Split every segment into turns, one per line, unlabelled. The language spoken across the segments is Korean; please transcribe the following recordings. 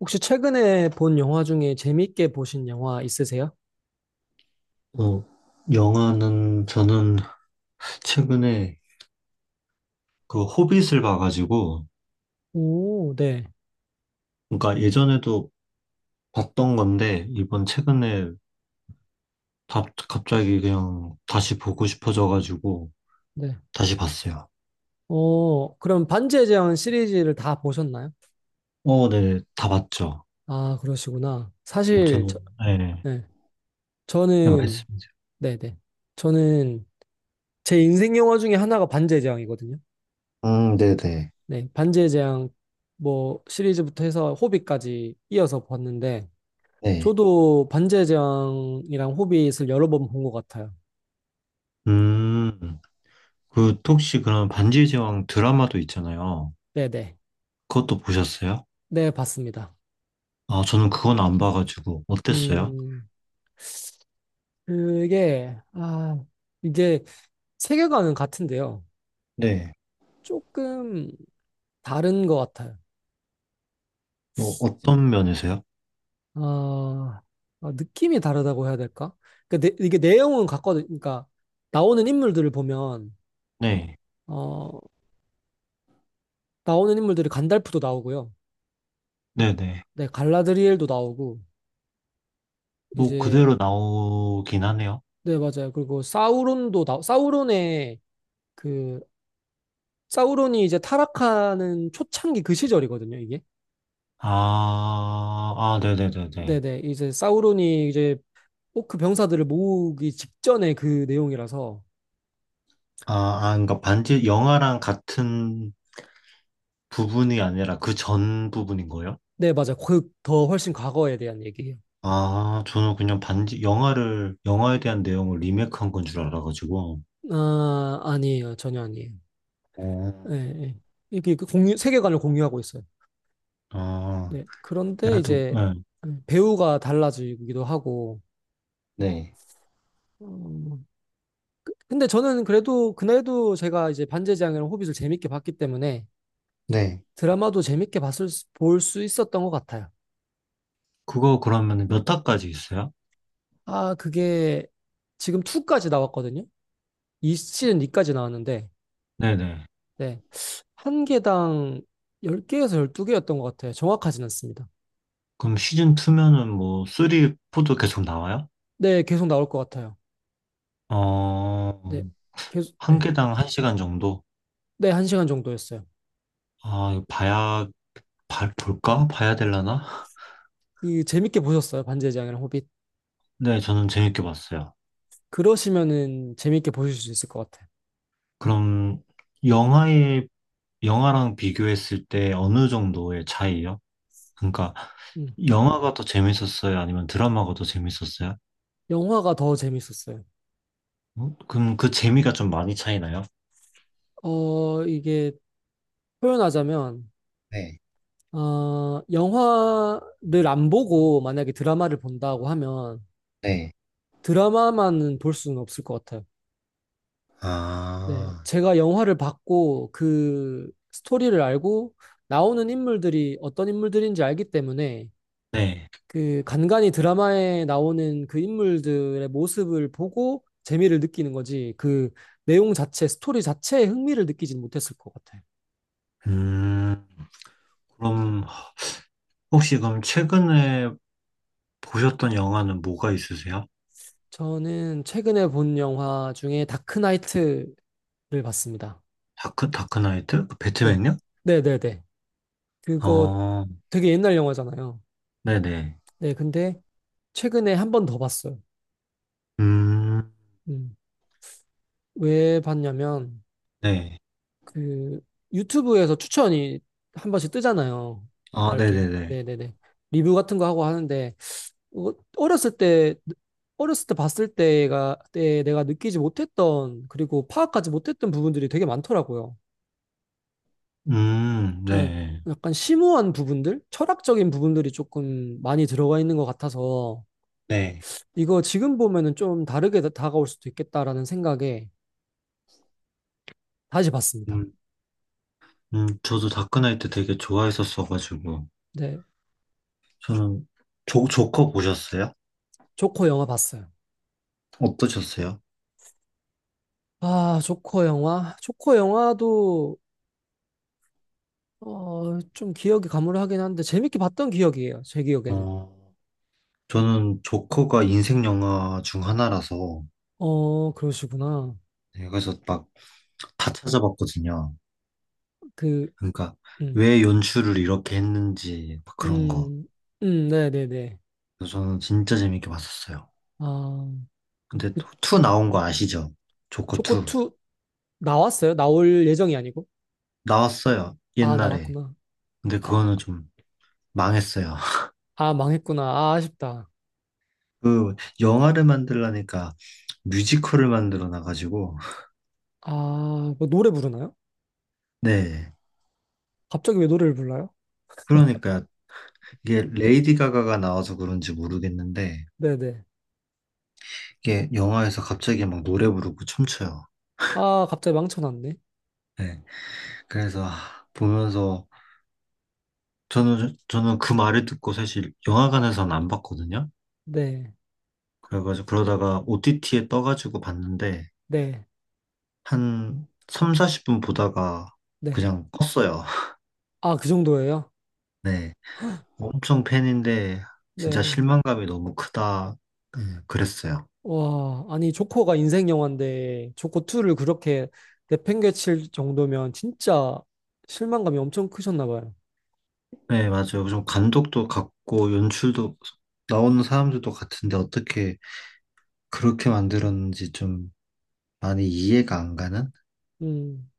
혹시 최근에 본 영화 중에 재밌게 보신 영화 있으세요?
어, 영화는 저는 최근에 그 호빗을 봐가지고,
오, 네,
그러니까 예전에도 봤던 건데, 이번 최근에 갑자기 그냥 다시 보고 싶어져가지고,
네.
다시 봤어요.
그럼 반지의 제왕 시리즈를 다 보셨나요?
어, 네, 다 봤죠.
아, 그러시구나.
네,
사실,
저는,
저,
네, 네,
네. 저는,
말씀이세요.
네네. 저는 제 인생 영화 중에 하나가 반지의 제왕이거든요.
네네.
네. 반지의 제왕 뭐 시리즈부터 해서 호빗까지 이어서 봤는데,
네.
저도 반지의 제왕이랑 호빗을 여러 번 본 것 같아요.
음, 그, 혹시 그럼 반지의 제왕 드라마도 있잖아요.
네네. 네,
그것도 보셨어요?
네, 봤습니다.
아, 저는 그건 안 봐가지고, 어땠어요?
음, 그게, 아, 이게 세계관은 같은데요.
네.
조금 다른 것 같아요.
뭐, 어떤 면에서요?
아, 아, 느낌이 다르다고 해야 될까? 그러니까 이게 내용은 같거든. 그러니까 나오는 인물들을 보면,
네.
어, 나오는 인물들이 간달프도 나오고요.
네네.
네, 갈라드리엘도 나오고,
뭐
이제,
그대로 나오긴 하네요.
네, 맞아요. 그리고 사우론의 그, 사우론이 이제 타락하는 초창기 그 시절이거든요, 이게.
아, 아, 네네네네.
네네, 이제 사우론이 이제 꼭 그 병사들을 모으기 직전의 그 내용이라서.
아, 아, 그러니까 반지 영화랑 같은 부분이 아니라 그 전 부분인 거예요?
네, 맞아. 그 더 훨씬 과거에 대한 얘기예요.
아, 저는 그냥 반지 영화를 영화에 대한 내용을 리메이크한 건 줄 알아가지고.
아, 아니에요, 전혀 아니에요.
어,
예, 예. 이게 그 공유 세계관을 공유하고 있어요.
아,
네, 그런데
하여튼
이제
네.
배우가 달라지기도 하고,
네.
어, 근데 저는 그래도 그날도 제가 이제 반지의제왕이랑 호빗을 재밌게 봤기 때문에
네.
드라마도 재밌게 봤을, 볼 수 있었던 것 같아요.
그거 그러면 몇 화까지 있어요?
아, 그게 지금 2까지 나왔거든요. 이 시즌 2까지 나왔는데.
네네.
네. 한 개당 10개에서 12개였던 것 같아요. 정확하진 않습니다.
그럼 시즌 2면은 뭐 3, 4도 계속 나와요?
네, 계속 나올 것 같아요.
어,
네, 계속,
한
네.
개당 한 시간 정도?
네, 한 시간 정도였어요.
아, 이거 볼까? 봐야 되려나?
그, 재밌게 보셨어요? 반지의 제왕이랑 호빗.
네, 저는 재밌게 봤어요.
그러시면은 재밌게 보실 수 있을 것 같아요.
그럼, 영화의, 영화랑 비교했을 때 어느 정도의 차이요? 그러니까,
음.
영화가 더 재밌었어요? 아니면 드라마가 더 재밌었어요?
영화가 더 재밌었어요.
어? 그럼 그 재미가 좀 많이 차이나요?
이게 표현하자면,
네,
영화를 안 보고 만약에 드라마를 본다고 하면
네.
드라마만은 볼 수는 없을 것 같아요. 네,
아,
제가 영화를 봤고 그 스토리를 알고 나오는 인물들이 어떤 인물들인지 알기 때문에
네.
그 간간이 드라마에 나오는 그 인물들의 모습을 보고 재미를 느끼는 거지, 그 내용 자체, 스토리 자체에 흥미를 느끼진 못했을 것 같아요.
음, 그럼, 혹시 그럼 최근에 보셨던 영화는 뭐가 있으세요?
저는 최근에 본 영화 중에 다크나이트를 봤습니다.
다크나이트? 그
네,
배트맨요?
네, 네, 네. 그거
어,
되게 옛날 영화잖아요.
네네.
네, 근데 최근에 한 번 더 봤어요.
음,
음. 왜 봤냐면
네.
그 유튜브에서 추천이 한 번씩 뜨잖아요.
아,
막 이렇게
네네네.
네네네 리뷰 같은 거 하고 하는데 어렸을 때, 봤을 때가 때 내가 느끼지 못했던 그리고 파악하지 못했던 부분들이 되게 많더라고요. 예,
네.
약간 심오한 부분들, 철학적인 부분들이 조금 많이 들어가 있는 것 같아서
네.
이거 지금 보면은 좀 다르게 다가올 수도 있겠다라는 생각에 다시 봤습니다.
음, 저도 다크나이트 되게 좋아했었어가지고.
네,
저는, 조커 보셨어요?
조커 영화 봤어요.
어떠셨어요?
아, 조커 영화? 조커 영화도, 좀 기억이 가물하긴 한데, 재밌게 봤던 기억이에요, 제 기억에는.
어, 저는 조커가 인생 영화 중 하나라서,
어, 그러시구나.
네, 그래서 막 다 찾아봤거든요.
그,
그러니까,
음,
왜 연출을 이렇게 했는지, 막 그런 거.
음, 네네네.
그래서 저는 진짜 재밌게 봤었어요.
아,
근데
그,
또, 투
음.
나온 거 아시죠? 조커
조커
2.
2 나왔어요? 나올 예정이 아니고?
나왔어요,
아,
옛날에.
나왔구나.
근데
아,
그거는 좀 망했어요.
아, 망했구나. 아, 아쉽다.
그 영화를 만들라니까 뮤지컬을 만들어 놔가지고.
아, 뭐 노래 부르나요?
네.
갑자기 왜 노래를 불러요?
그러니까 이게 레이디 가가가 나와서 그런지 모르겠는데
네네.
이게 영화에서 갑자기 막 노래 부르고 춤춰요.
아, 갑자기 망쳐놨네.
네. 그래서 아, 보면서 저는 그 말을 듣고 사실 영화관에서는 안 봤거든요.
네,
그래가지고 그러다가 OTT에 떠가지고 봤는데
네,
한 3, 40분 보다가
네.
그냥 껐어요.
아, 그 정도예요?
네. 엄청 팬인데 진짜
네.
실망감이 너무 크다. 네, 그랬어요.
와, 아니, 조커가 인생 영화인데, 조커2를 그렇게 내팽개칠 정도면 진짜 실망감이 엄청 크셨나 봐요.
네, 맞아요. 좀 감독도 같고 연출도 나오는 사람들도 같은데 어떻게 그렇게 만들었는지 좀 많이 이해가 안 가는?
음,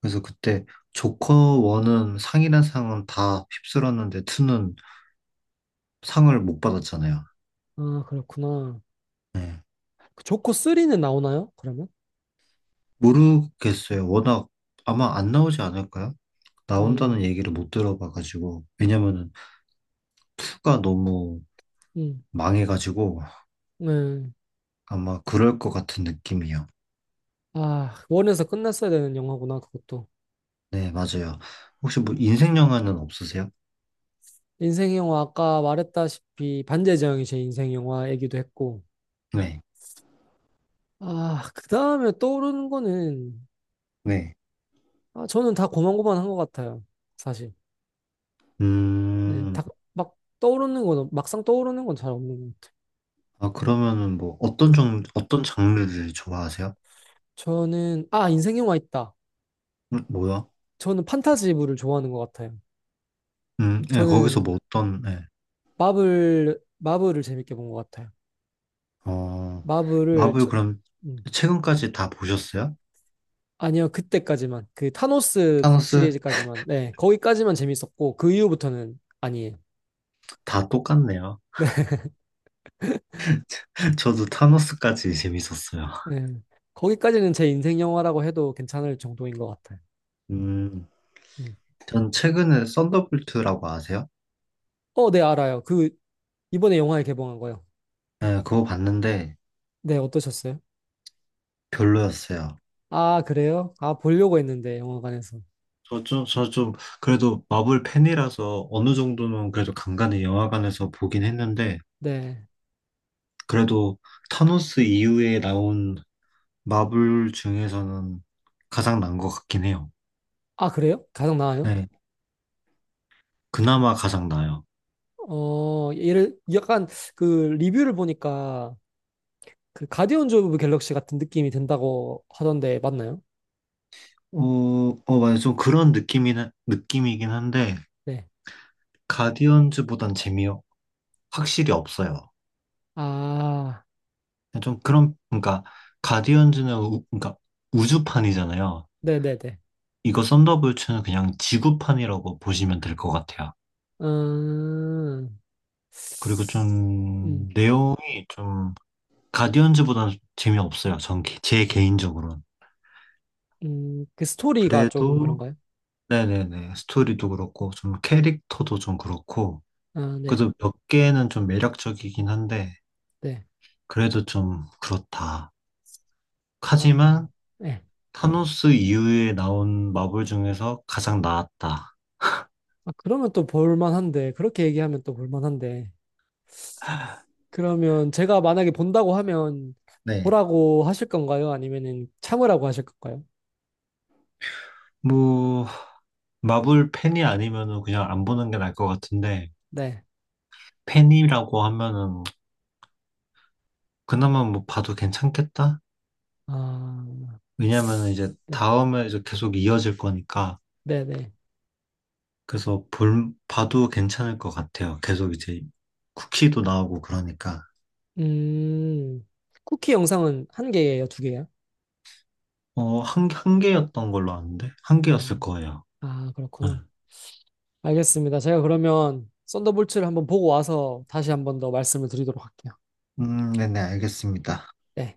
그래서 그때 조커 1은 상이란 상은 다 휩쓸었는데 2는 상을 못 받았잖아요.
아, 그렇구나.
네.
그 조커3는 나오나요? 그러면?
모르겠어요. 워낙 아마 안 나오지 않을까요? 나온다는
음,
얘기를 못 들어봐가지고, 왜냐면은 2가 너무
음,
망해가지고
네.
아마 그럴 것 같은 느낌이요.
아, 원에서 끝났어야 되는 영화구나, 그것도.
네, 맞아요. 혹시 뭐 인생 영화는 없으세요?
인생 영화, 아까 말했다시피, 반지의 제왕이 제 인생 영화이기도 했고.
네,
아, 그 다음에 떠오르는 거는,
네.
아, 저는 다 고만고만한 것 같아요, 사실. 네,
음,
다, 막 떠오르는 건, 막상 떠오르는 건 잘 없는 것 같아요.
아, 그러면은 뭐
음,
어떤 장르를 좋아하세요?
저는, 아, 인생 영화 있다.
뭐야?
저는 판타지물을 좋아하는 것 같아요.
네, 거기서
저는
뭐 어떤, 네.
마블을 재밌게 본 것 같아요.
어,
마블을,
마블
저-
그럼
음,
최근까지 다 보셨어요?
아니요, 그때까지만. 그 타노스
타노스?
시리즈까지만. 네, 거기까지만 재밌었고, 그 이후부터는 아니에요.
다 똑같네요. 저도 타노스까지 재밌었어요.
네, 거기까지는 제 인생 영화라고 해도 괜찮을 정도인 것 같아요.
음,
음.
전 최근에 썬더볼트라고 아세요?
어, 네, 알아요. 그, 이번에 영화에 개봉한 거요.
네, 그거 봤는데
네, 어떠셨어요?
별로였어요.
아, 그래요? 아, 보려고 했는데, 영화관에서.
저 좀, 저 좀, 그래도 마블 팬이라서 어느 정도는 그래도 간간히 영화관에서 보긴 했는데,
네.
그래도 타노스 이후에 나온 마블 중에서는 가장 난 것 같긴 해요.
아, 그래요? 가장 나아요?
네. 그나마 가장 나아요.
어, 얘를, 약간, 그, 리뷰를 보니까, 그, 가디언즈 오브 갤럭시 같은 느낌이 든다고 하던데, 맞나요?
어, 어, 맞아요. 좀 그런 느낌이긴 한데,
네.
가디언즈보단 재미 확실히 없어요.
아,
네, 좀 그런, 그러니까, 가디언즈는, 그러니까, 우주판이잖아요.
네네네.
이거 썬더볼츠는 그냥 지구판이라고 보시면 될 것 같아요.
음,
그리고
음,
좀 내용이 좀 가디언즈보다는 재미없어요. 전 제 개인적으로는.
그 스토리가 조금
그래도
그런가요?
네네네. 스토리도 그렇고 좀 캐릭터도 좀 그렇고
아, 네,
그래도 몇 개는 좀 매력적이긴 한데
네.
그래도 좀 그렇다.
아,
하지만
네.
타노스 이후에 나온 마블 중에서 가장 나았다.
아, 그러면 또 볼만한데, 그렇게 얘기하면 또 볼만한데. 그러면 제가 만약에 본다고 하면
네.
보라고 하실 건가요? 아니면은 참으라고 하실 건가요?
뭐 마블 팬이 아니면은 그냥 안 보는 게 나을 것 같은데,
네.
팬이라고 하면은 그나마 뭐 봐도 괜찮겠다?
아,
왜냐면 이제
네,
다음에 이제 계속 이어질 거니까.
네, 네.
그래서 볼 봐도 괜찮을 것 같아요. 계속 이제 쿠키도 나오고 그러니까.
음, 쿠키 영상은 한 개예요, 두 개예요?
어, 한 개였던 걸로 아는데 한 개였을
아,
거예요.
아,
네.
그렇구나. 알겠습니다. 제가 그러면 썬더볼츠를 한번 보고 와서 다시 한 번 더 말씀을 드리도록 할게요.
네네, 알겠습니다.
네.